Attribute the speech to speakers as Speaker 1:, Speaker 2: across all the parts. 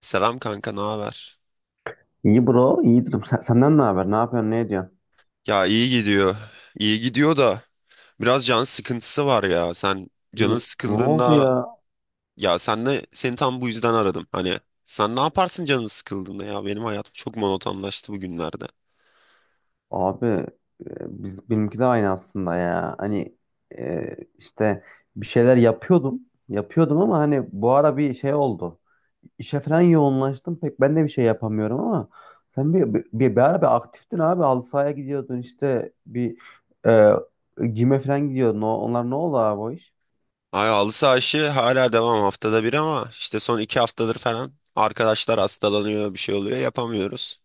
Speaker 1: Selam kanka, ne haber?
Speaker 2: İyi bro, iyidir. Senden ne haber? Ne yapıyorsun? Ne ediyorsun?
Speaker 1: Ya, iyi gidiyor. İyi gidiyor da biraz can sıkıntısı var ya. Sen
Speaker 2: Ne,
Speaker 1: canın
Speaker 2: ne oldu
Speaker 1: sıkıldığında
Speaker 2: ya?
Speaker 1: Ya, seni tam bu yüzden aradım. Hani sen ne yaparsın canın sıkıldığında ya? Benim hayatım çok monotonlaştı bugünlerde.
Speaker 2: Abi, benimki de aynı aslında ya. Hani işte bir şeyler yapıyordum. Yapıyordum ama hani bu ara bir şey oldu. İşe falan yoğunlaştım. Pek ben de bir şey yapamıyorum ama sen ara bir aktiftin abi. Halı sahaya gidiyordun işte e, gym'e falan gidiyordun. Onlar ne oldu abi o iş?
Speaker 1: Ay, halı saha işi hala devam, haftada bir, ama işte son 2 haftadır falan arkadaşlar hastalanıyor, bir şey oluyor, yapamıyoruz.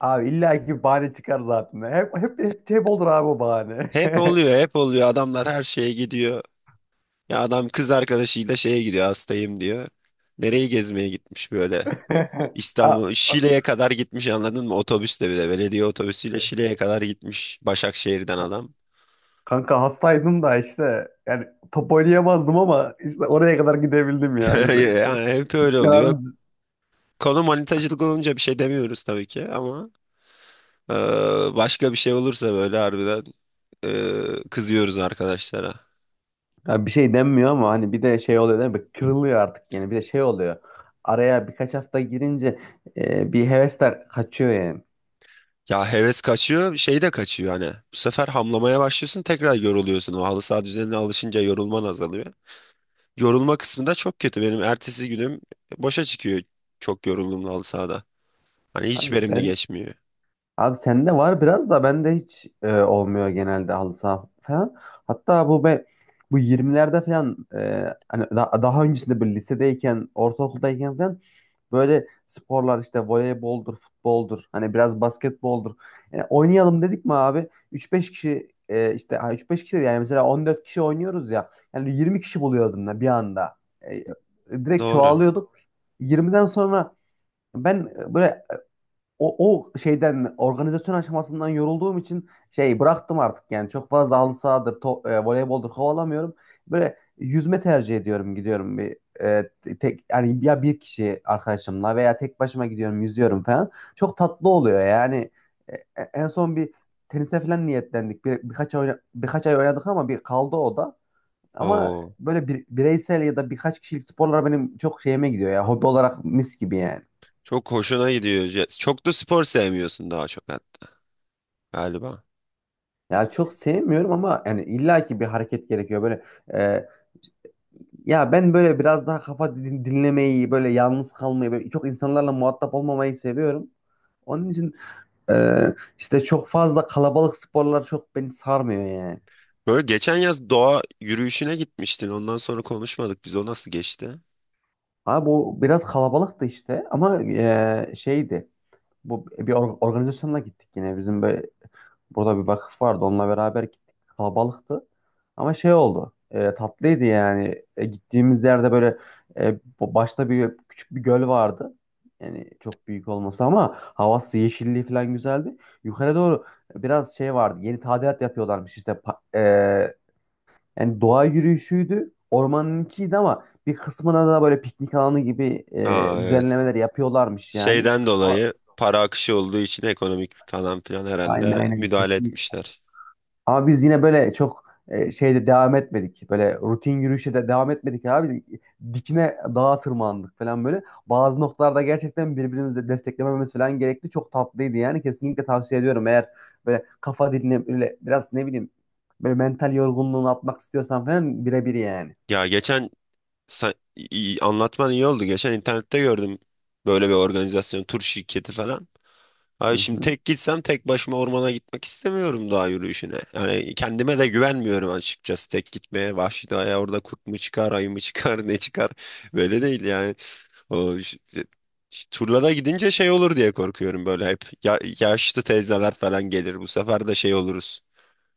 Speaker 2: Abi illa ki bahane çıkar zaten. Hep olur abi o bahane.
Speaker 1: Hep oluyor, hep oluyor, adamlar her şeye gidiyor. Ya, adam kız arkadaşıyla şeye gidiyor, hastayım diyor. Nereyi gezmeye gitmiş böyle?
Speaker 2: A-
Speaker 1: İstanbul Şile'ye kadar gitmiş, anladın mı? Otobüsle bile, belediye otobüsüyle Şile'ye kadar gitmiş Başakşehir'den adam.
Speaker 2: Kanka hastaydım da işte yani top oynayamazdım ama işte oraya kadar gidebildim ya işte.
Speaker 1: Yani hep öyle oluyor.
Speaker 2: Yani,
Speaker 1: Konu manitacılık olunca bir şey demiyoruz tabii ki ama e, başka bir şey olursa böyle harbiden kızıyoruz arkadaşlara.
Speaker 2: ya bir şey denmiyor ama hani bir de şey oluyor değil mi? Kırılıyor artık yani bir de şey oluyor. Araya birkaç hafta girince bir hevesler kaçıyor yani.
Speaker 1: Ya, heves kaçıyor, şey de kaçıyor hani. Bu sefer hamlamaya başlıyorsun, tekrar yoruluyorsun. O halı saha düzenine alışınca yorulman azalıyor. Yorulma kısmında çok kötü. Benim ertesi günüm boşa çıkıyor çok yorulduğumda halı sahada. Hani hiç
Speaker 2: Abi
Speaker 1: verimli
Speaker 2: ben
Speaker 1: geçmiyor.
Speaker 2: Abi sende var biraz da bende hiç olmuyor genelde halı saha falan. Hatta bu 20'lerde falan hani daha öncesinde böyle lisedeyken, ortaokuldayken falan böyle sporlar işte voleyboldur, futboldur, hani biraz basketboldur. Yani oynayalım dedik mi abi? Üç beş kişi işte ha, 3-5 kişi değil yani mesela 14 kişi oynuyoruz ya. Yani 20 kişi buluyordum da bir anda. E, Direkt
Speaker 1: Doğru.
Speaker 2: çoğalıyorduk. 20'den sonra ben böyle o şeyden organizasyon aşamasından yorulduğum için şey bıraktım artık yani çok fazla halı sahadır, voleyboldur kovalamıyorum. Böyle yüzme tercih ediyorum gidiyorum e, tek yani ya bir kişi arkadaşımla veya tek başıma gidiyorum yüzüyorum falan. Çok tatlı oluyor yani. En son bir tenise falan niyetlendik. Birkaç ay, birkaç ay oynadık ama bir kaldı o da. Ama
Speaker 1: Oo,
Speaker 2: böyle bireysel ya da birkaç kişilik sporlar benim çok şeyime gidiyor ya hobi olarak mis gibi yani.
Speaker 1: çok hoşuna gidiyor. Ya, çok da spor sevmiyorsun, daha çok hatta galiba.
Speaker 2: Ya çok sevmiyorum ama yani illaki bir hareket gerekiyor böyle e, ya ben böyle biraz daha kafa dinlemeyi böyle yalnız kalmayı böyle çok insanlarla muhatap olmamayı seviyorum. Onun için e, işte çok fazla kalabalık sporlar çok beni sarmıyor yani.
Speaker 1: Böyle geçen yaz doğa yürüyüşüne gitmiştin. Ondan sonra konuşmadık. Biz, o nasıl geçti?
Speaker 2: Abi bu biraz kalabalıktı işte ama şeydi. Bu bir organizasyonla gittik yine. Bizim böyle burada bir vakıf vardı. Onunla beraber gittik. Kalabalıktı. Ama şey oldu. Tatlıydı yani. Gittiğimiz yerde böyle başta bir küçük bir göl vardı. Yani çok büyük olması ama havası, yeşilliği falan güzeldi. Yukarı doğru biraz şey vardı. Yeni tadilat yapıyorlarmış işte. Yani doğa yürüyüşüydü. Ormanın içiydi ama bir kısmına da böyle piknik alanı gibi
Speaker 1: Aa, evet.
Speaker 2: düzenlemeler yapıyorlarmış yani.
Speaker 1: Şeyden
Speaker 2: Ama
Speaker 1: dolayı para akışı olduğu için ekonomik falan filan
Speaker 2: Aynen
Speaker 1: herhalde
Speaker 2: aynen.
Speaker 1: müdahale
Speaker 2: Kesin.
Speaker 1: etmişler.
Speaker 2: Ama biz yine böyle çok şeyde devam etmedik. Böyle rutin yürüyüşe de devam etmedik abi. Dikine dağa tırmandık falan böyle. Bazı noktalarda gerçekten birbirimizi de desteklememiz falan gerekti. Çok tatlıydı yani. Kesinlikle tavsiye ediyorum. Eğer böyle kafa dinle böyle biraz ne bileyim böyle mental yorgunluğunu atmak istiyorsan falan birebir yani.
Speaker 1: Ya geçen Anlatman iyi oldu. Geçen internette gördüm böyle bir organizasyon, tur şirketi falan. Ay,
Speaker 2: Hı
Speaker 1: şimdi
Speaker 2: hı.
Speaker 1: tek gitsem tek başıma ormana gitmek istemiyorum, dağ yürüyüşüne. Yani kendime de güvenmiyorum açıkçası tek gitmeye. Vahşi doğaya, orada kurt mu çıkar, ayı mı çıkar, ne çıkar? Böyle değil yani. O ş- e, ş- Turlara gidince şey olur diye korkuyorum böyle hep. Ya, yaşlı teyzeler falan gelir. Bu sefer de şey oluruz.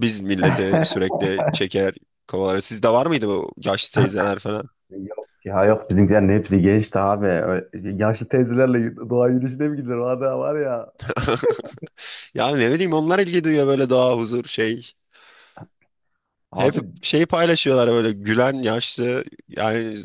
Speaker 1: Biz millete sürekli çeker kovalarız. Sizde var mıydı bu yaşlı teyzeler falan?
Speaker 2: Yok ya yok bizimkilerin hepsi gençti abi. Öyle yaşlı teyzelerle doğa yürüyüşüne mi gidilir? Valla var ya.
Speaker 1: Ya, ne bileyim, onlar ilgi duyuyor böyle doğa, huzur, şey. Hep
Speaker 2: Abi
Speaker 1: şeyi paylaşıyorlar, böyle gülen yaşlı, yani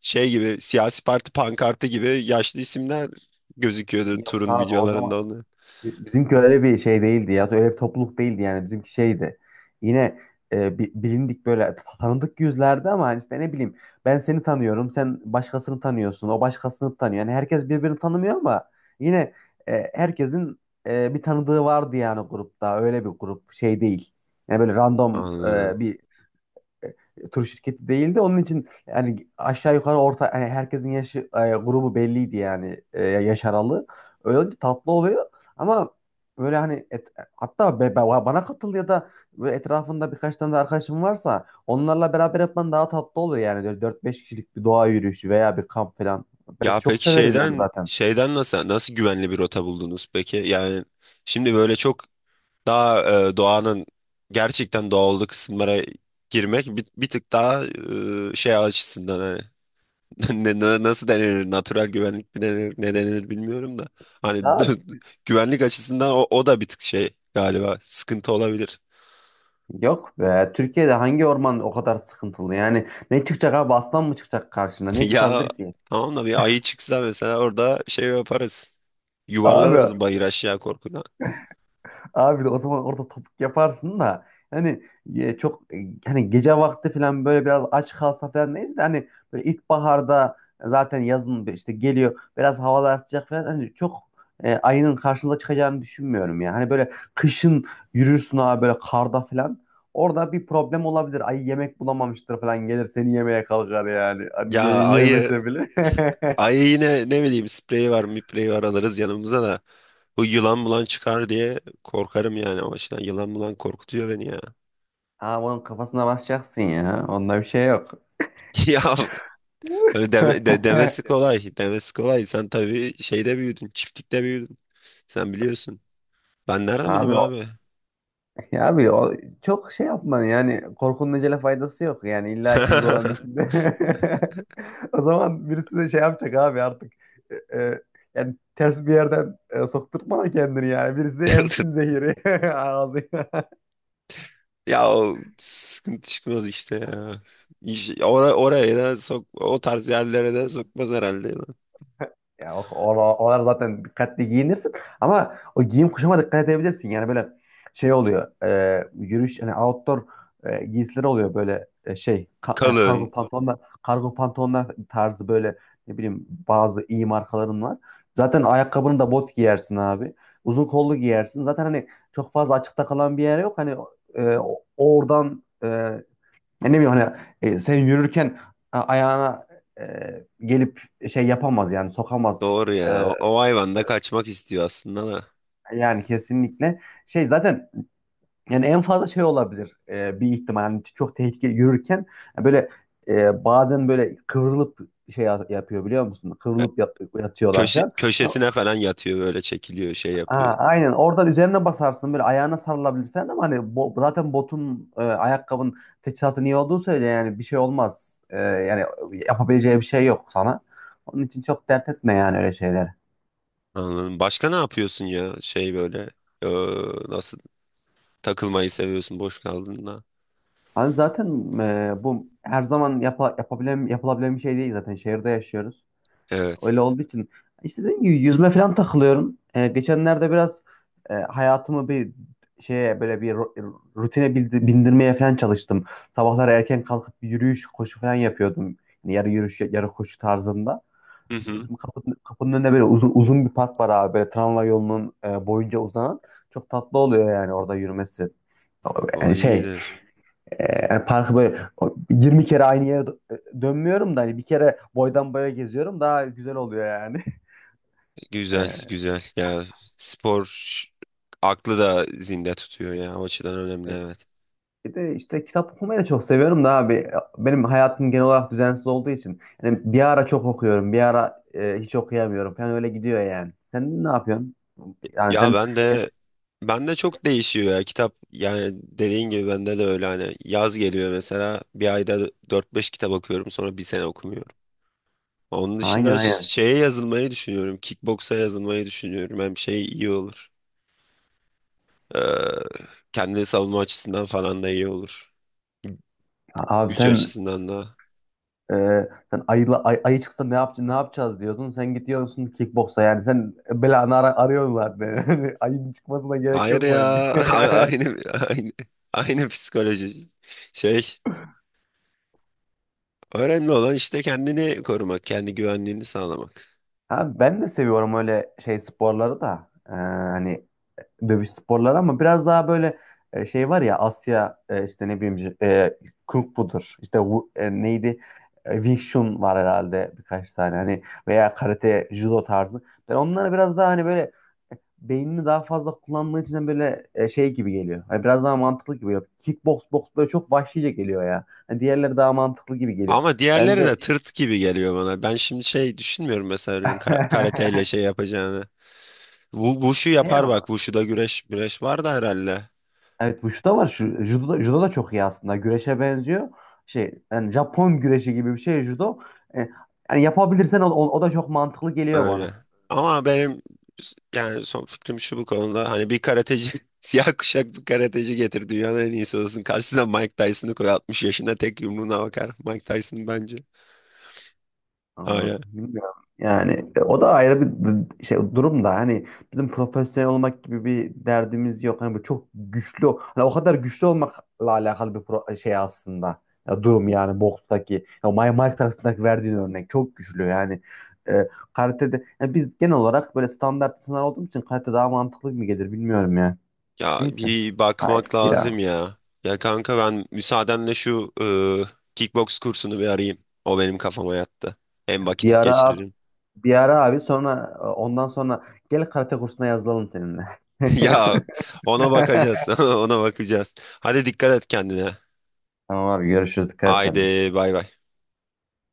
Speaker 1: şey gibi, siyasi parti pankartı gibi yaşlı isimler gözüküyordu
Speaker 2: yok
Speaker 1: turun
Speaker 2: abi o
Speaker 1: videolarında
Speaker 2: zaman.
Speaker 1: onu.
Speaker 2: Bizimki öyle bir şey değildi ya. Öyle bir topluluk değildi yani. Bizimki şeydi. Yine bilindik böyle tanıdık yüzlerdi ama hani işte ne bileyim ben seni tanıyorum. Sen başkasını tanıyorsun. O başkasını tanıyor. Yani herkes birbirini tanımıyor ama yine herkesin bir tanıdığı vardı yani grupta. Öyle bir grup şey değil. Yani böyle random
Speaker 1: Anladım.
Speaker 2: bir tur şirketi değildi. Onun için yani aşağı yukarı orta yani herkesin yaşı grubu belliydi yani yaş aralığı. Öyle olunca tatlı oluyor ama böyle hani hatta bana katıl ya da böyle etrafında birkaç tane de arkadaşım varsa onlarla beraber yapman daha tatlı oluyor yani. Böyle 4-5 kişilik bir doğa yürüyüşü veya bir kamp falan. Ben
Speaker 1: Ya
Speaker 2: çok
Speaker 1: peki,
Speaker 2: severim yani
Speaker 1: şeyden
Speaker 2: zaten.
Speaker 1: şeyden nasıl güvenli bir rota buldunuz peki? Yani şimdi böyle çok daha doğanın gerçekten doğal olduğu kısımlara girmek bir tık daha şey açısından hani. Nasıl denir? Natural güvenlik mi denir? Ne denir bilmiyorum da. Hani
Speaker 2: Ya
Speaker 1: güvenlik açısından o da bir tık şey galiba. Sıkıntı olabilir.
Speaker 2: yok be. Türkiye'de hangi orman o kadar sıkıntılı? Yani ne çıkacak abi? Aslan mı çıkacak karşına? Ne
Speaker 1: Ya,
Speaker 2: çıkabilir ki?
Speaker 1: tamam da bir ayı çıksa mesela orada şey yaparız.
Speaker 2: Abi
Speaker 1: Yuvarlanırız bayır aşağı korkudan.
Speaker 2: Abi de o zaman orada topuk yaparsın da hani çok hani gece vakti falan böyle biraz aç kalsa falan neyse de hani böyle ilkbaharda zaten yazın bir işte geliyor biraz havalar sıcak falan hani çok ayının karşınıza çıkacağını düşünmüyorum ya. Hani böyle kışın yürürsün abi böyle karda falan orada bir problem olabilir. Ayı yemek bulamamıştır falan gelir seni yemeye kalkar yani. Hani
Speaker 1: Ya, ayı,
Speaker 2: yemese bile.
Speaker 1: ayı yine ne bileyim, sprey var, mipreyi var, alırız yanımıza da. Bu yılan bulan çıkar diye korkarım yani o başına. Yılan bulan korkutuyor beni ya.
Speaker 2: Ama onun kafasına basacaksın ya. Onda bir şey yok.
Speaker 1: Ya, öyle demesi kolay. Demesi kolay. Sen tabii şeyde büyüdün. Çiftlikte büyüdün. Sen biliyorsun. Ben nereden bileyim
Speaker 2: Abi
Speaker 1: abi?
Speaker 2: Ya abi çok şey yapma yani korkunun acele faydası yok yani illa ki bu doğanın içinde. O zaman birisi de şey yapacak abi artık e, e, yani ters bir yerden sokturtma kendini yani birisi emsin zehiri ağzına.
Speaker 1: Ya, o sıkıntı çıkmaz işte ya. Oraya da o tarz yerlere de sokmaz herhalde.
Speaker 2: Ya oralar zaten dikkatli giyinirsin ama o giyim kuşama dikkat edebilirsin. Yani böyle şey oluyor. Yürüyüş hani outdoor giysileri oluyor böyle kargo
Speaker 1: Kalın.
Speaker 2: pantolonlar tarzı böyle ne bileyim bazı iyi markaların var. Zaten ayakkabını da bot giyersin abi. Uzun kollu giyersin. Zaten hani çok fazla açıkta kalan bir yer yok. Hani oradan ya ne bileyim hani sen yürürken ayağına e, gelip şey yapamaz yani sokamaz.
Speaker 1: Doğru ya.
Speaker 2: E,
Speaker 1: O, o hayvan da kaçmak istiyor aslında da.
Speaker 2: Yani kesinlikle şey zaten yani en fazla şey olabilir bir ihtimal hani çok tehlikeli yürürken e, böyle bazen böyle kıvrılıp şey yapıyor biliyor musun?
Speaker 1: E,
Speaker 2: Kıvrılıp yatıyorlar
Speaker 1: Köşe,
Speaker 2: falan.
Speaker 1: köşesine falan yatıyor, böyle çekiliyor, şey yapıyor.
Speaker 2: Ha, aynen oradan üzerine basarsın böyle ayağına sarılabilir falan ama hani zaten botun ayakkabın teçhizatı iyi olduğu söyle yani bir şey olmaz. Yani yapabileceği bir şey yok sana. Onun için çok dert etme yani öyle şeyleri.
Speaker 1: Anladım. Başka ne yapıyorsun ya şey böyle, e, nasıl takılmayı seviyorsun boş kaldığında?
Speaker 2: Hani zaten bu her zaman yapabilen, yapılabilen bir şey değil zaten şehirde yaşıyoruz.
Speaker 1: Evet.
Speaker 2: Öyle olduğu için işte dediğim gibi yüzme falan takılıyorum. Geçenlerde biraz hayatımı bir şeye böyle bir rutine bindirmeye falan çalıştım. Sabahlar erken kalkıp bir yürüyüş, koşu falan yapıyordum. Yani yarı yürüyüş, yarı koşu tarzında.
Speaker 1: Hı hı.
Speaker 2: Bizim kapının önünde böyle uzun uzun bir park var abi. Böyle tramvay yolunun boyunca uzanan. Çok tatlı oluyor yani orada yürümesi.
Speaker 1: O
Speaker 2: Yani şey,
Speaker 1: iyidir.
Speaker 2: yani parkı böyle 20 kere aynı yere dönmüyorum da hani bir kere boydan boya geziyorum. Daha güzel oluyor yani.
Speaker 1: Güzel
Speaker 2: E,
Speaker 1: güzel ya, spor aklı da zinde tutuyor ya, o açıdan önemli,
Speaker 2: Evet.
Speaker 1: evet.
Speaker 2: Bir de işte kitap okumayı da çok seviyorum da abi. Benim hayatım genel olarak düzensiz olduğu için. Yani bir ara çok okuyorum, bir ara hiç okuyamıyorum falan öyle gidiyor yani. Sen ne yapıyorsun? Yani
Speaker 1: Ya,
Speaker 2: sen
Speaker 1: ben de çok değişiyor ya kitap yani, dediğin gibi bende de öyle, hani yaz geliyor mesela bir ayda dört beş kitap okuyorum, sonra bir sene okumuyorum. Onun
Speaker 2: aynen
Speaker 1: dışında
Speaker 2: aynen.
Speaker 1: şeye yazılmayı düşünüyorum, kickboksa yazılmayı düşünüyorum, hem şey iyi olur, ee, kendini savunma açısından falan da iyi olur,
Speaker 2: Abi
Speaker 1: güç açısından da.
Speaker 2: e, sen ayı çıksa ne yapacağız ne yapacağız diyordun. Sen gidiyorsun kickboksa yani sen belanı arıyorsun zaten. Ayının çıkmasına gerek
Speaker 1: Hayır
Speaker 2: yok
Speaker 1: ya.
Speaker 2: sanki.
Speaker 1: A- Aynı aynı aynı psikoloji. Şey, önemli olan işte kendini korumak, kendi güvenliğini sağlamak.
Speaker 2: Ha, ben de seviyorum öyle şey sporları da. Hani dövüş sporları ama biraz daha böyle şey var ya Asya işte ne bileyim e, Kung Fu'dur işte neydi. Wing Chun var herhalde birkaç tane hani veya karate judo tarzı ben onları biraz daha hani böyle beynini daha fazla kullandığı için böyle şey gibi geliyor. Hani biraz daha mantıklı gibi geliyor kickbox box böyle çok vahşice geliyor ya. Hani diğerleri daha mantıklı gibi geliyor
Speaker 1: Ama
Speaker 2: ben
Speaker 1: diğerleri de
Speaker 2: de.
Speaker 1: tırt gibi geliyor bana. Ben şimdi şey düşünmüyorum, mesela birinin karateyle şey yapacağını. Wushu
Speaker 2: diğer
Speaker 1: yapar
Speaker 2: ne
Speaker 1: bak. Wushu'da güreş güreş var da herhalde.
Speaker 2: Evet, Wushu'da var. Judo da çok iyi aslında. Güreşe benziyor. Şey yani Japon güreşi gibi bir şey judo. E, Yani yapabilirsen o da çok mantıklı geliyor
Speaker 1: Öyle.
Speaker 2: bana.
Speaker 1: Ama benim yani son fikrim şu bu konuda. Hani bir karateci, siyah kuşak bir karateci getir, dünyanın en iyisi olsun. Karşısına Mike Tyson'ı koy, 60 yaşında tek yumruğuna bakar. Mike Tyson bence.
Speaker 2: Anladım.
Speaker 1: Hala.
Speaker 2: Bilmiyorum. Yani o da ayrı bir şey durum da hani bizim profesyonel olmak gibi bir derdimiz yok. Hani bu çok güçlü hani o kadar güçlü olmakla alakalı bir şey aslında. Ya durum yani bokstaki ya Mike Tyson'daki verdiğin örnek çok güçlü yani. E, Karatede yani biz genel olarak böyle standart insanlar olduğumuz için karate daha mantıklı mı gelir bilmiyorum ya.
Speaker 1: Ya,
Speaker 2: Neyse.
Speaker 1: bir bakmak
Speaker 2: Hayırlısı ya.
Speaker 1: lazım ya. Ya kanka, ben müsaadenle şu kickbox kursunu bir arayayım. O benim kafama yattı. Hem
Speaker 2: Bir
Speaker 1: vakit
Speaker 2: ara
Speaker 1: geçiririm.
Speaker 2: Bir ara abi sonra ondan sonra gel karate kursuna yazılalım seninle.
Speaker 1: Ya, ona bakacağız. Ona bakacağız. Hadi, dikkat et kendine.
Speaker 2: Tamam abi görüşürüz. Dikkat et sen de.
Speaker 1: Haydi, bay bay.